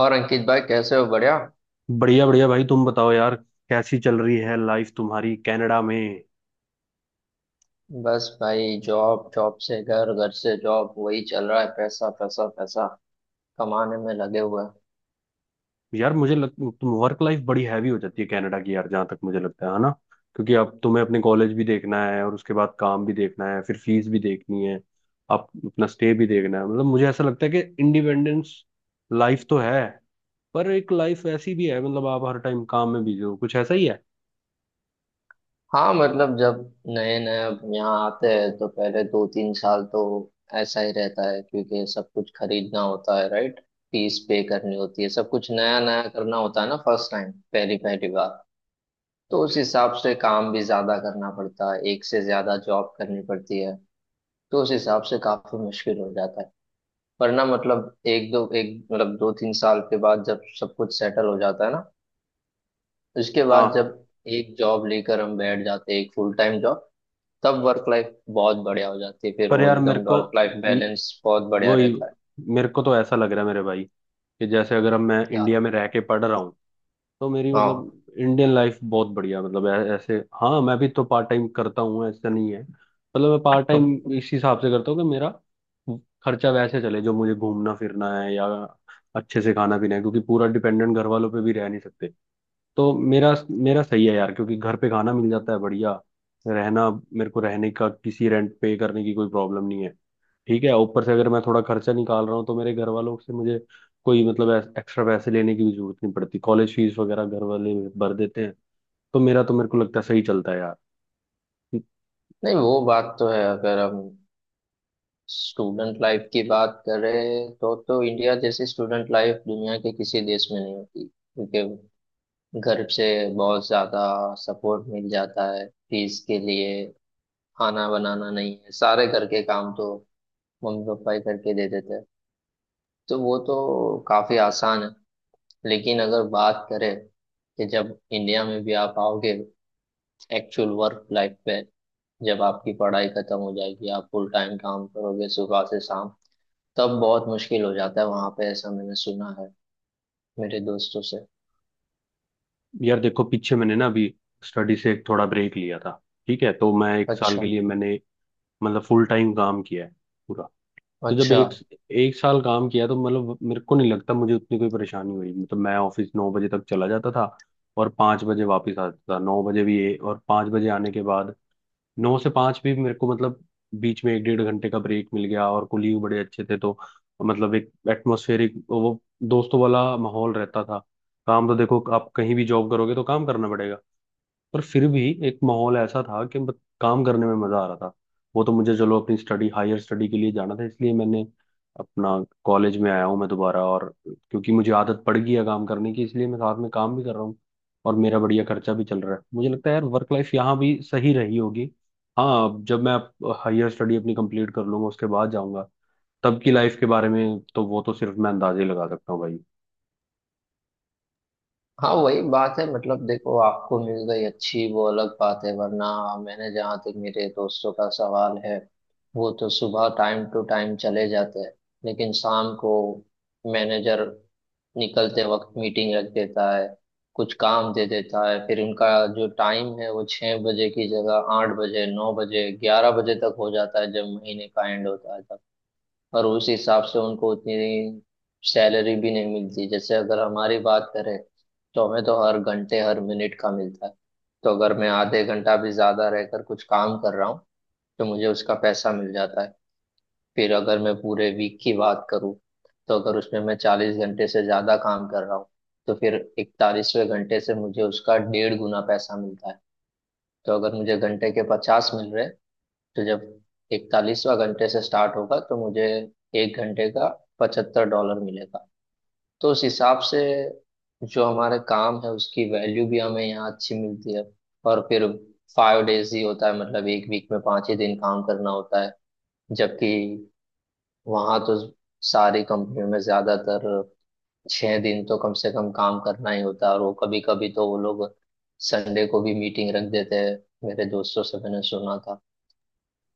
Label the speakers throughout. Speaker 1: और अंकित भाई, कैसे हो? बढ़िया।
Speaker 2: बढ़िया बढ़िया भाई, तुम बताओ यार। कैसी चल रही है लाइफ तुम्हारी कनाडा में?
Speaker 1: बस भाई, जॉब जॉब से घर, घर से जॉब वही चल रहा है। पैसा पैसा पैसा कमाने में लगे हुए हैं।
Speaker 2: यार मुझे लग तुम वर्क लाइफ बड़ी हैवी हो जाती है कनाडा की यार, जहाँ तक मुझे लगता है ना। क्योंकि अब तुम्हें अपने कॉलेज भी देखना है और उसके बाद काम भी देखना है, फिर फीस भी देखनी है, आप अपना स्टे भी देखना है। मतलब मुझे ऐसा लगता है कि इंडिपेंडेंस लाइफ तो है, पर एक लाइफ ऐसी भी है, मतलब आप हर टाइम काम में बिजी हो, कुछ ऐसा ही है।
Speaker 1: हाँ, मतलब जब नए नए अब यहाँ आते हैं तो पहले 2 3 साल तो ऐसा ही रहता है, क्योंकि सब कुछ खरीदना होता है, राइट। फीस पे करनी होती है, सब कुछ नया नया करना होता है ना, फर्स्ट टाइम, पहली पहली बार। तो उस हिसाब से काम भी ज्यादा करना पड़ता है, एक से ज्यादा जॉब करनी पड़ती है। तो उस हिसाब से काफी मुश्किल हो जाता है। वरना मतलब एक दो एक मतलब 2 3 साल के बाद जब सब कुछ सेटल हो जाता है ना, उसके बाद
Speaker 2: हाँ,
Speaker 1: जब एक जॉब लेकर हम बैठ जाते हैं, एक फुल टाइम जॉब, तब वर्क लाइफ बहुत बढ़िया हो जाती है। फिर
Speaker 2: पर
Speaker 1: वो
Speaker 2: यार मेरे
Speaker 1: एकदम
Speaker 2: को
Speaker 1: वर्क लाइफ
Speaker 2: म-
Speaker 1: बैलेंस बहुत बढ़िया
Speaker 2: वही
Speaker 1: रहता है।
Speaker 2: मेरे को तो ऐसा लग रहा है मेरे भाई, कि जैसे अगर अब मैं
Speaker 1: क्या।
Speaker 2: इंडिया में रह के पढ़ रहा हूँ तो मेरी
Speaker 1: हाँ।
Speaker 2: मतलब इंडियन लाइफ बहुत बढ़िया, मतलब ऐसे, हाँ, मैं भी तो पार्ट टाइम करता हूँ, ऐसा नहीं है, मतलब मैं पार्ट टाइम इस हिसाब से करता हूँ कि मेरा खर्चा वैसे चले, जो मुझे घूमना फिरना है या अच्छे से खाना पीना है, क्योंकि पूरा डिपेंडेंट घर वालों पे भी रह नहीं सकते। तो मेरा मेरा सही है यार, क्योंकि घर पे खाना मिल जाता है बढ़िया, रहना मेरे को रहने का किसी रेंट पे करने की कोई प्रॉब्लम नहीं है, ठीक है, ऊपर से अगर मैं थोड़ा खर्चा निकाल रहा हूँ तो मेरे घर वालों से मुझे कोई मतलब एक्स्ट्रा पैसे लेने की भी जरूरत नहीं पड़ती, कॉलेज फीस वगैरह घर वाले भर देते हैं। तो मेरा तो मेरे को लगता है सही चलता है यार।
Speaker 1: नहीं, वो बात तो है। अगर हम स्टूडेंट लाइफ की बात करें तो इंडिया जैसी स्टूडेंट लाइफ दुनिया के किसी देश में नहीं होती, क्योंकि घर से बहुत ज्यादा सपोर्ट मिल जाता है फीस के लिए। खाना बनाना नहीं है, सारे घर के काम तो मम्मी पापा ही करके दे देते हैं। तो वो तो काफी आसान है। लेकिन अगर बात करें कि जब इंडिया में भी आप आओगे एक्चुअल वर्क लाइफ पे, जब आपकी पढ़ाई खत्म हो जाएगी, आप फुल टाइम काम करोगे सुबह से शाम, तब बहुत मुश्किल हो जाता है वहां पे, ऐसा मैंने सुना है मेरे दोस्तों से।
Speaker 2: यार देखो, पीछे मैंने ना अभी स्टडी से एक थोड़ा ब्रेक लिया था, ठीक है। तो मैं एक साल के
Speaker 1: अच्छा।
Speaker 2: लिए मैंने मतलब फुल टाइम काम किया है, पूरा। तो जब
Speaker 1: अच्छा।
Speaker 2: एक एक साल काम किया तो मतलब मेरे को नहीं लगता मुझे उतनी कोई परेशानी हुई, मतलब मैं ऑफिस 9 बजे तक चला जाता था और 5 बजे वापस आता था, 9 बजे भी ये और 5 बजे आने के बाद 9 से 5 भी मेरे को मतलब बीच में एक डेढ़ घंटे का ब्रेक मिल गया, और कोलीग बड़े अच्छे थे, तो मतलब एक एटमोस्फेरिक वो दोस्तों वाला माहौल रहता था। काम तो देखो आप कहीं भी जॉब करोगे तो काम करना पड़ेगा, पर फिर भी एक माहौल ऐसा था कि काम करने में मजा आ रहा था। वो तो मुझे चलो अपनी स्टडी, हायर स्टडी के लिए जाना था, इसलिए मैंने अपना कॉलेज में आया हूँ मैं दोबारा, और क्योंकि मुझे आदत पड़ गई है काम करने की, इसलिए मैं साथ में काम भी कर रहा हूँ और मेरा बढ़िया खर्चा भी चल रहा है। मुझे लगता है यार वर्क लाइफ यहाँ भी सही रही होगी। हाँ, अब जब मैं हायर स्टडी अपनी कंप्लीट कर लूंगा उसके बाद जाऊंगा, तब की लाइफ के बारे में तो वो तो सिर्फ मैं अंदाजे लगा सकता हूँ भाई।
Speaker 1: हाँ, वही बात है। मतलब देखो, आपको मिल गई अच्छी, वो अलग बात है, वरना मैंने, जहाँ तक मेरे दोस्तों का सवाल है, वो तो सुबह टाइम टू टाइम चले जाते हैं, लेकिन शाम को मैनेजर निकलते वक्त मीटिंग रख देता है, कुछ काम दे देता है, फिर उनका जो टाइम है वो 6 बजे की जगह 8 बजे, 9 बजे, 11 बजे तक हो जाता है, जब महीने का एंड होता है तब। और उस हिसाब से उनको उतनी सैलरी भी नहीं मिलती। जैसे अगर हमारी बात करें तो हमें तो हर घंटे हर मिनट का मिलता है। तो अगर मैं आधे घंटा भी ज्यादा रहकर कुछ काम कर रहा हूँ तो मुझे उसका पैसा मिल जाता है। फिर अगर मैं पूरे वीक की बात करूँ, तो अगर उसमें मैं 40 घंटे से ज्यादा काम कर रहा हूँ तो फिर 41वें घंटे से मुझे उसका 1.5 गुना पैसा मिलता है। तो अगर मुझे घंटे के 50 मिल रहे, तो जब 41वां घंटे से स्टार्ट होगा तो मुझे एक घंटे का $75 मिलेगा। तो उस हिसाब से जो हमारे काम है उसकी वैल्यू भी हमें यहाँ अच्छी मिलती है। और फिर फाइव डेज ही होता है, मतलब एक वीक में 5 ही दिन काम करना होता है। जबकि वहाँ तो सारी कंपनियों में ज्यादातर 6 दिन तो कम से कम काम करना ही होता है, और वो कभी कभी तो वो लोग संडे को भी मीटिंग रख देते हैं, मेरे दोस्तों से मैंने सुना था।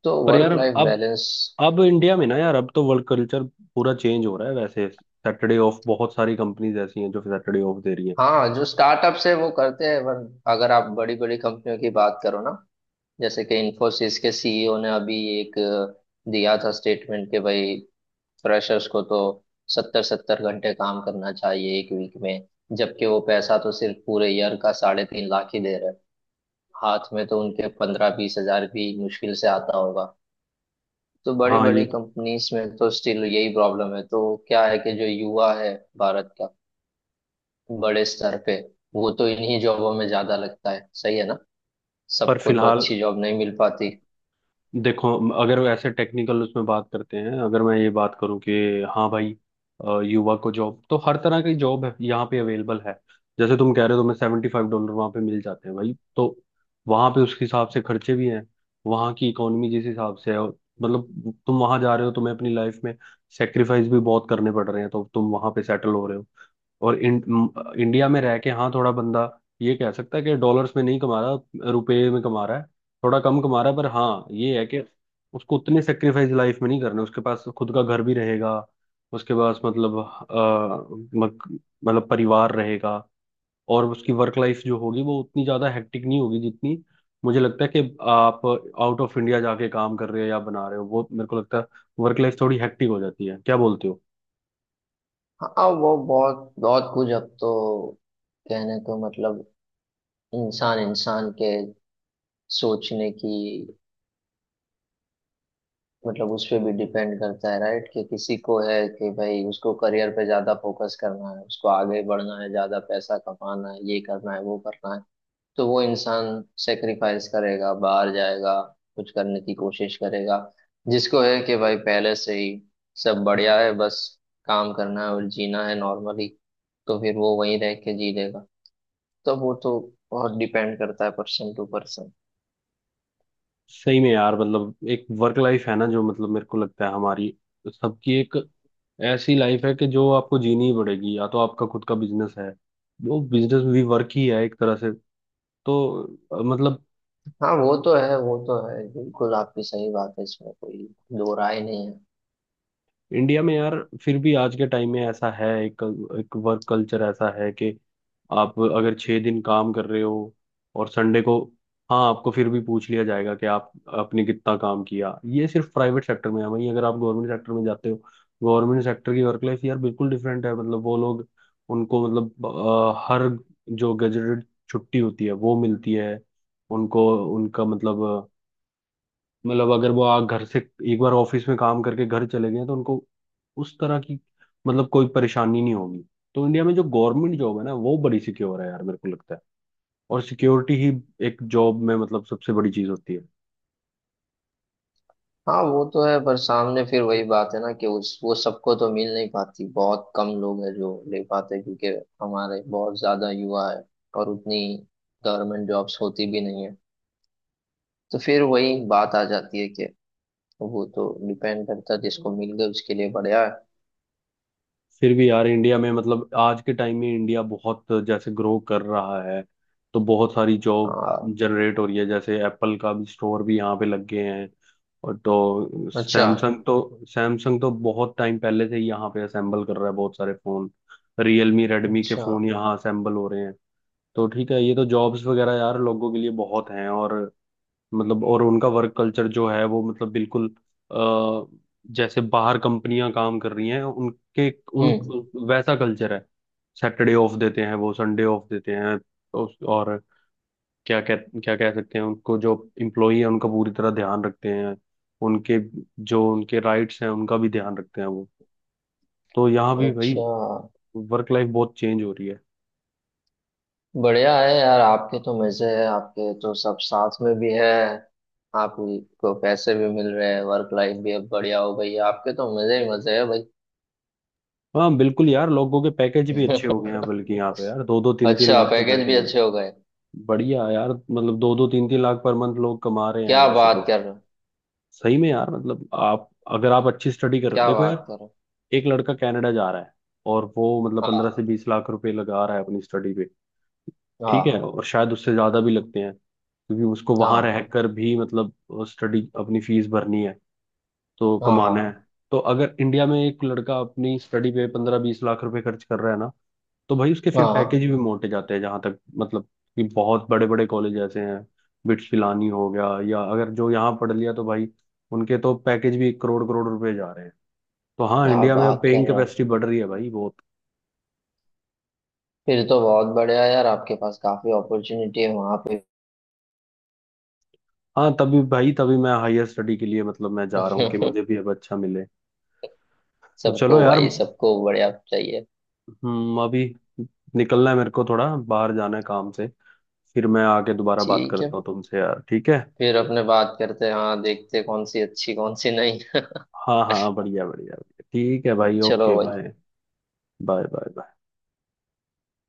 Speaker 1: तो
Speaker 2: पर यार
Speaker 1: वर्क लाइफ बैलेंस।
Speaker 2: अब इंडिया में ना यार, अब तो वर्क कल्चर पूरा चेंज हो रहा है, वैसे सैटरडे ऑफ बहुत सारी कंपनीज ऐसी हैं जो सैटरडे ऑफ दे रही हैं।
Speaker 1: हाँ, जो स्टार्टअप्स है वो करते हैं, पर अगर आप बड़ी बड़ी कंपनियों की बात करो ना, जैसे कि इंफोसिस के सीईओ ने अभी एक दिया था स्टेटमेंट, कि भाई फ्रेशर्स को तो 70 70 घंटे काम करना चाहिए एक वीक में। जबकि वो पैसा तो सिर्फ पूरे ईयर का 3.5 लाख ही दे रहे हैं। हाथ में तो उनके 15 20 हजार भी मुश्किल से आता होगा। तो बड़ी
Speaker 2: हाँ, ये
Speaker 1: बड़ी
Speaker 2: तो,
Speaker 1: कंपनीज में तो स्टिल यही प्रॉब्लम है। तो क्या है कि जो युवा है भारत का, बड़े स्तर पे, वो तो इन्हीं जॉबों में ज्यादा लगता है, सही है ना?
Speaker 2: पर
Speaker 1: सबको तो
Speaker 2: फिलहाल
Speaker 1: अच्छी जॉब नहीं मिल पाती।
Speaker 2: देखो, अगर ऐसे टेक्निकल उसमें बात करते हैं, अगर मैं ये बात करूं कि हाँ भाई, युवा को जॉब तो हर तरह की जॉब है यहाँ पे अवेलेबल है, जैसे तुम कह रहे हो तुम्हें $75 वहाँ पे मिल जाते हैं भाई। तो वहाँ पे उसके हिसाब से खर्चे भी हैं, वहाँ की इकोनॉमी जिस हिसाब से है, और मतलब तुम वहाँ जा रहे हो तुम्हें अपनी लाइफ में सेक्रीफाइस भी बहुत करने पड़ रहे हैं, तो तुम वहाँ पे सेटल हो रहे हो। और इंडिया में रह के हाँ थोड़ा बंदा ये कह सकता है कि डॉलर्स में नहीं कमा रहा, रुपए में कमा रहा है, थोड़ा कम कमा रहा है, पर हाँ, ये है कि उसको उतने सेक्रीफाइस लाइफ में नहीं करने, उसके पास खुद का घर भी रहेगा, उसके पास मतलब मतलब परिवार रहेगा, और उसकी वर्क लाइफ जो होगी वो उतनी ज्यादा हेक्टिक नहीं होगी जितनी मुझे लगता है कि आप आउट ऑफ इंडिया जाके काम कर रहे हो या बना रहे हो, वो मेरे को लगता है वर्क लाइफ थोड़ी हेक्टिक हो जाती है। क्या बोलते हो?
Speaker 1: हाँ, वो बहुत बहुत कुछ अब तो कहने को, मतलब इंसान इंसान के सोचने की, मतलब उस पे भी डिपेंड करता है, राइट, कि किसी को है कि भाई उसको करियर पे ज्यादा फोकस करना है, उसको आगे बढ़ना है, ज्यादा पैसा कमाना है, ये करना है, वो करना है, तो वो इंसान सेक्रीफाइस करेगा, बाहर जाएगा, कुछ करने की कोशिश करेगा। जिसको है कि भाई पहले से ही सब बढ़िया है, बस काम करना है और जीना है नॉर्मली, तो फिर वो वहीं रह के जी लेगा। तो वो तो बहुत डिपेंड करता है पर्सन टू पर्सन।
Speaker 2: सही में यार, मतलब एक वर्क लाइफ है ना, जो मतलब मेरे को लगता है हमारी सबकी एक ऐसी लाइफ है कि जो आपको जीनी ही पड़ेगी, या तो आपका खुद का बिजनेस है, वो बिजनेस भी वर्क ही है एक तरह से। तो मतलब
Speaker 1: हाँ, वो तो है, वो तो है, बिल्कुल आपकी सही बात है, इसमें कोई दो राय नहीं है।
Speaker 2: इंडिया में यार, फिर भी आज के टाइम में ऐसा है, एक एक वर्क कल्चर ऐसा है कि आप अगर 6 दिन काम कर रहे हो और संडे को, हाँ आपको फिर भी पूछ लिया जाएगा कि आप आपने कितना काम किया। ये सिर्फ प्राइवेट सेक्टर में है, वहीं अगर आप गवर्नमेंट सेक्टर में जाते हो, गवर्नमेंट सेक्टर की वर्क लाइफ यार बिल्कुल डिफरेंट है, मतलब वो लोग, उनको मतलब हर जो गजेटेड छुट्टी होती है वो मिलती है उनको, उनका मतलब, मतलब अगर वो आ घर से एक बार ऑफिस में काम करके घर चले गए तो उनको उस तरह की मतलब कोई परेशानी नहीं होगी। तो इंडिया में जो गवर्नमेंट जॉब है ना, वो बड़ी सिक्योर है यार, मेरे को लगता है, और सिक्योरिटी ही एक जॉब में मतलब सबसे बड़ी चीज होती है।
Speaker 1: हाँ, वो तो है, पर सामने फिर वही बात है ना, कि उस वो सबको तो मिल नहीं पाती, बहुत कम लोग हैं जो ले पाते, क्योंकि हमारे बहुत ज्यादा युवा है और उतनी गवर्नमेंट जॉब्स होती भी नहीं है। तो फिर वही बात आ जाती है कि वो तो डिपेंड करता है, जिसको मिल गया उसके लिए बढ़िया है।
Speaker 2: फिर भी यार इंडिया में मतलब आज के टाइम में इंडिया बहुत जैसे ग्रो कर रहा है, तो बहुत सारी जॉब
Speaker 1: हाँ।
Speaker 2: जनरेट हो रही है, जैसे एप्पल का भी स्टोर भी यहाँ पे लग गए हैं, और तो
Speaker 1: अच्छा।
Speaker 2: सैमसंग तो बहुत टाइम पहले से ही यहाँ पे असेंबल कर रहा है बहुत सारे फोन, रियलमी रेडमी के
Speaker 1: अच्छा।
Speaker 2: फोन यहाँ असेंबल हो रहे हैं। तो ठीक है, ये तो जॉब्स वगैरह यार लोगों के लिए बहुत हैं, और मतलब और उनका वर्क कल्चर जो है वो मतलब बिल्कुल अ, जैसे बाहर कंपनियां काम कर रही हैं उनके उन
Speaker 1: हम्म।
Speaker 2: वैसा कल्चर है, सैटरडे ऑफ देते हैं वो, संडे ऑफ देते हैं, और क्या कह सकते हैं उनको, जो इम्प्लॉई है उनका पूरी तरह ध्यान रखते हैं, उनके जो उनके राइट्स हैं उनका भी ध्यान रखते हैं वो। तो यहाँ भी भाई
Speaker 1: अच्छा।
Speaker 2: वर्क लाइफ बहुत चेंज हो रही है।
Speaker 1: बढ़िया है यार, आपके तो मजे है, आपके तो सब साथ में भी है, आपको पैसे भी मिल रहे हैं, वर्क लाइफ भी अब बढ़िया हो गई है, आपके तो मजे ही मजे है भाई।
Speaker 2: हाँ बिल्कुल यार, लोगों के पैकेज भी अच्छे हो गए हैं, बल्कि यहाँ पे यार दो दो तीन तीन
Speaker 1: अच्छा,
Speaker 2: लाख के
Speaker 1: पैकेज भी
Speaker 2: पैकेज,
Speaker 1: अच्छे हो गए।
Speaker 2: बढ़िया यार, मतलब दो दो तीन तीन लाख पर मंथ लोग कमा रहे हैं
Speaker 1: क्या
Speaker 2: वैसे
Speaker 1: बात
Speaker 2: तो।
Speaker 1: कर रहे हो।
Speaker 2: सही में यार, मतलब आप, अगर आप अच्छी स्टडी कर
Speaker 1: क्या
Speaker 2: देखो यार,
Speaker 1: बात कर रहे हो।
Speaker 2: एक लड़का कनाडा जा रहा है और वो मतलब पंद्रह
Speaker 1: हाँ,
Speaker 2: से बीस लाख रुपए लगा रहा है अपनी स्टडी पे, ठीक है,
Speaker 1: हाँ।
Speaker 2: और शायद उससे ज्यादा भी लगते हैं, क्योंकि उसको वहां
Speaker 1: हाँ,
Speaker 2: रहकर भी मतलब स्टडी अपनी फीस भरनी है तो
Speaker 1: हाँ। हाँ,
Speaker 2: कमाना है। तो अगर इंडिया में एक लड़का अपनी स्टडी पे 15-20 लाख रुपए खर्च कर रहा है ना, तो भाई उसके
Speaker 1: हाँ,
Speaker 2: फिर पैकेज
Speaker 1: हाँ।
Speaker 2: भी मोटे जाते हैं, जहां तक मतलब कि बहुत बड़े बड़े कॉलेज ऐसे हैं, बिट्स पिलानी हो गया या अगर जो यहाँ पढ़ लिया तो भाई उनके तो पैकेज भी करोड़ करोड़ रुपए जा रहे हैं। तो हाँ
Speaker 1: क्या
Speaker 2: इंडिया में अब
Speaker 1: बात कर
Speaker 2: पेइंग
Speaker 1: रहे हो?
Speaker 2: कैपेसिटी बढ़ रही है भाई बहुत।
Speaker 1: फिर तो बहुत बढ़िया है यार, आपके पास काफी अपॉर्चुनिटी है वहां पे।
Speaker 2: हाँ, तभी भाई, तभी मैं हायर स्टडी के लिए मतलब मैं जा रहा हूँ कि मुझे भी अब अच्छा मिले। चलो
Speaker 1: सबको
Speaker 2: यार।
Speaker 1: भाई, सबको बढ़िया चाहिए।
Speaker 2: अभी निकलना है मेरे को, थोड़ा बाहर जाना है काम से, फिर मैं आके दोबारा बात
Speaker 1: ठीक है।
Speaker 2: करता हूँ तुमसे यार, ठीक है?
Speaker 1: फिर अपने बात करते हैं, हाँ, देखते हैं कौन सी अच्छी कौन सी नहीं।
Speaker 2: हाँ हाँ, बढ़िया बढ़िया बढ़िया। ठीक है भाई,
Speaker 1: चलो
Speaker 2: ओके, बाय।
Speaker 1: भाई।
Speaker 2: Bye bye.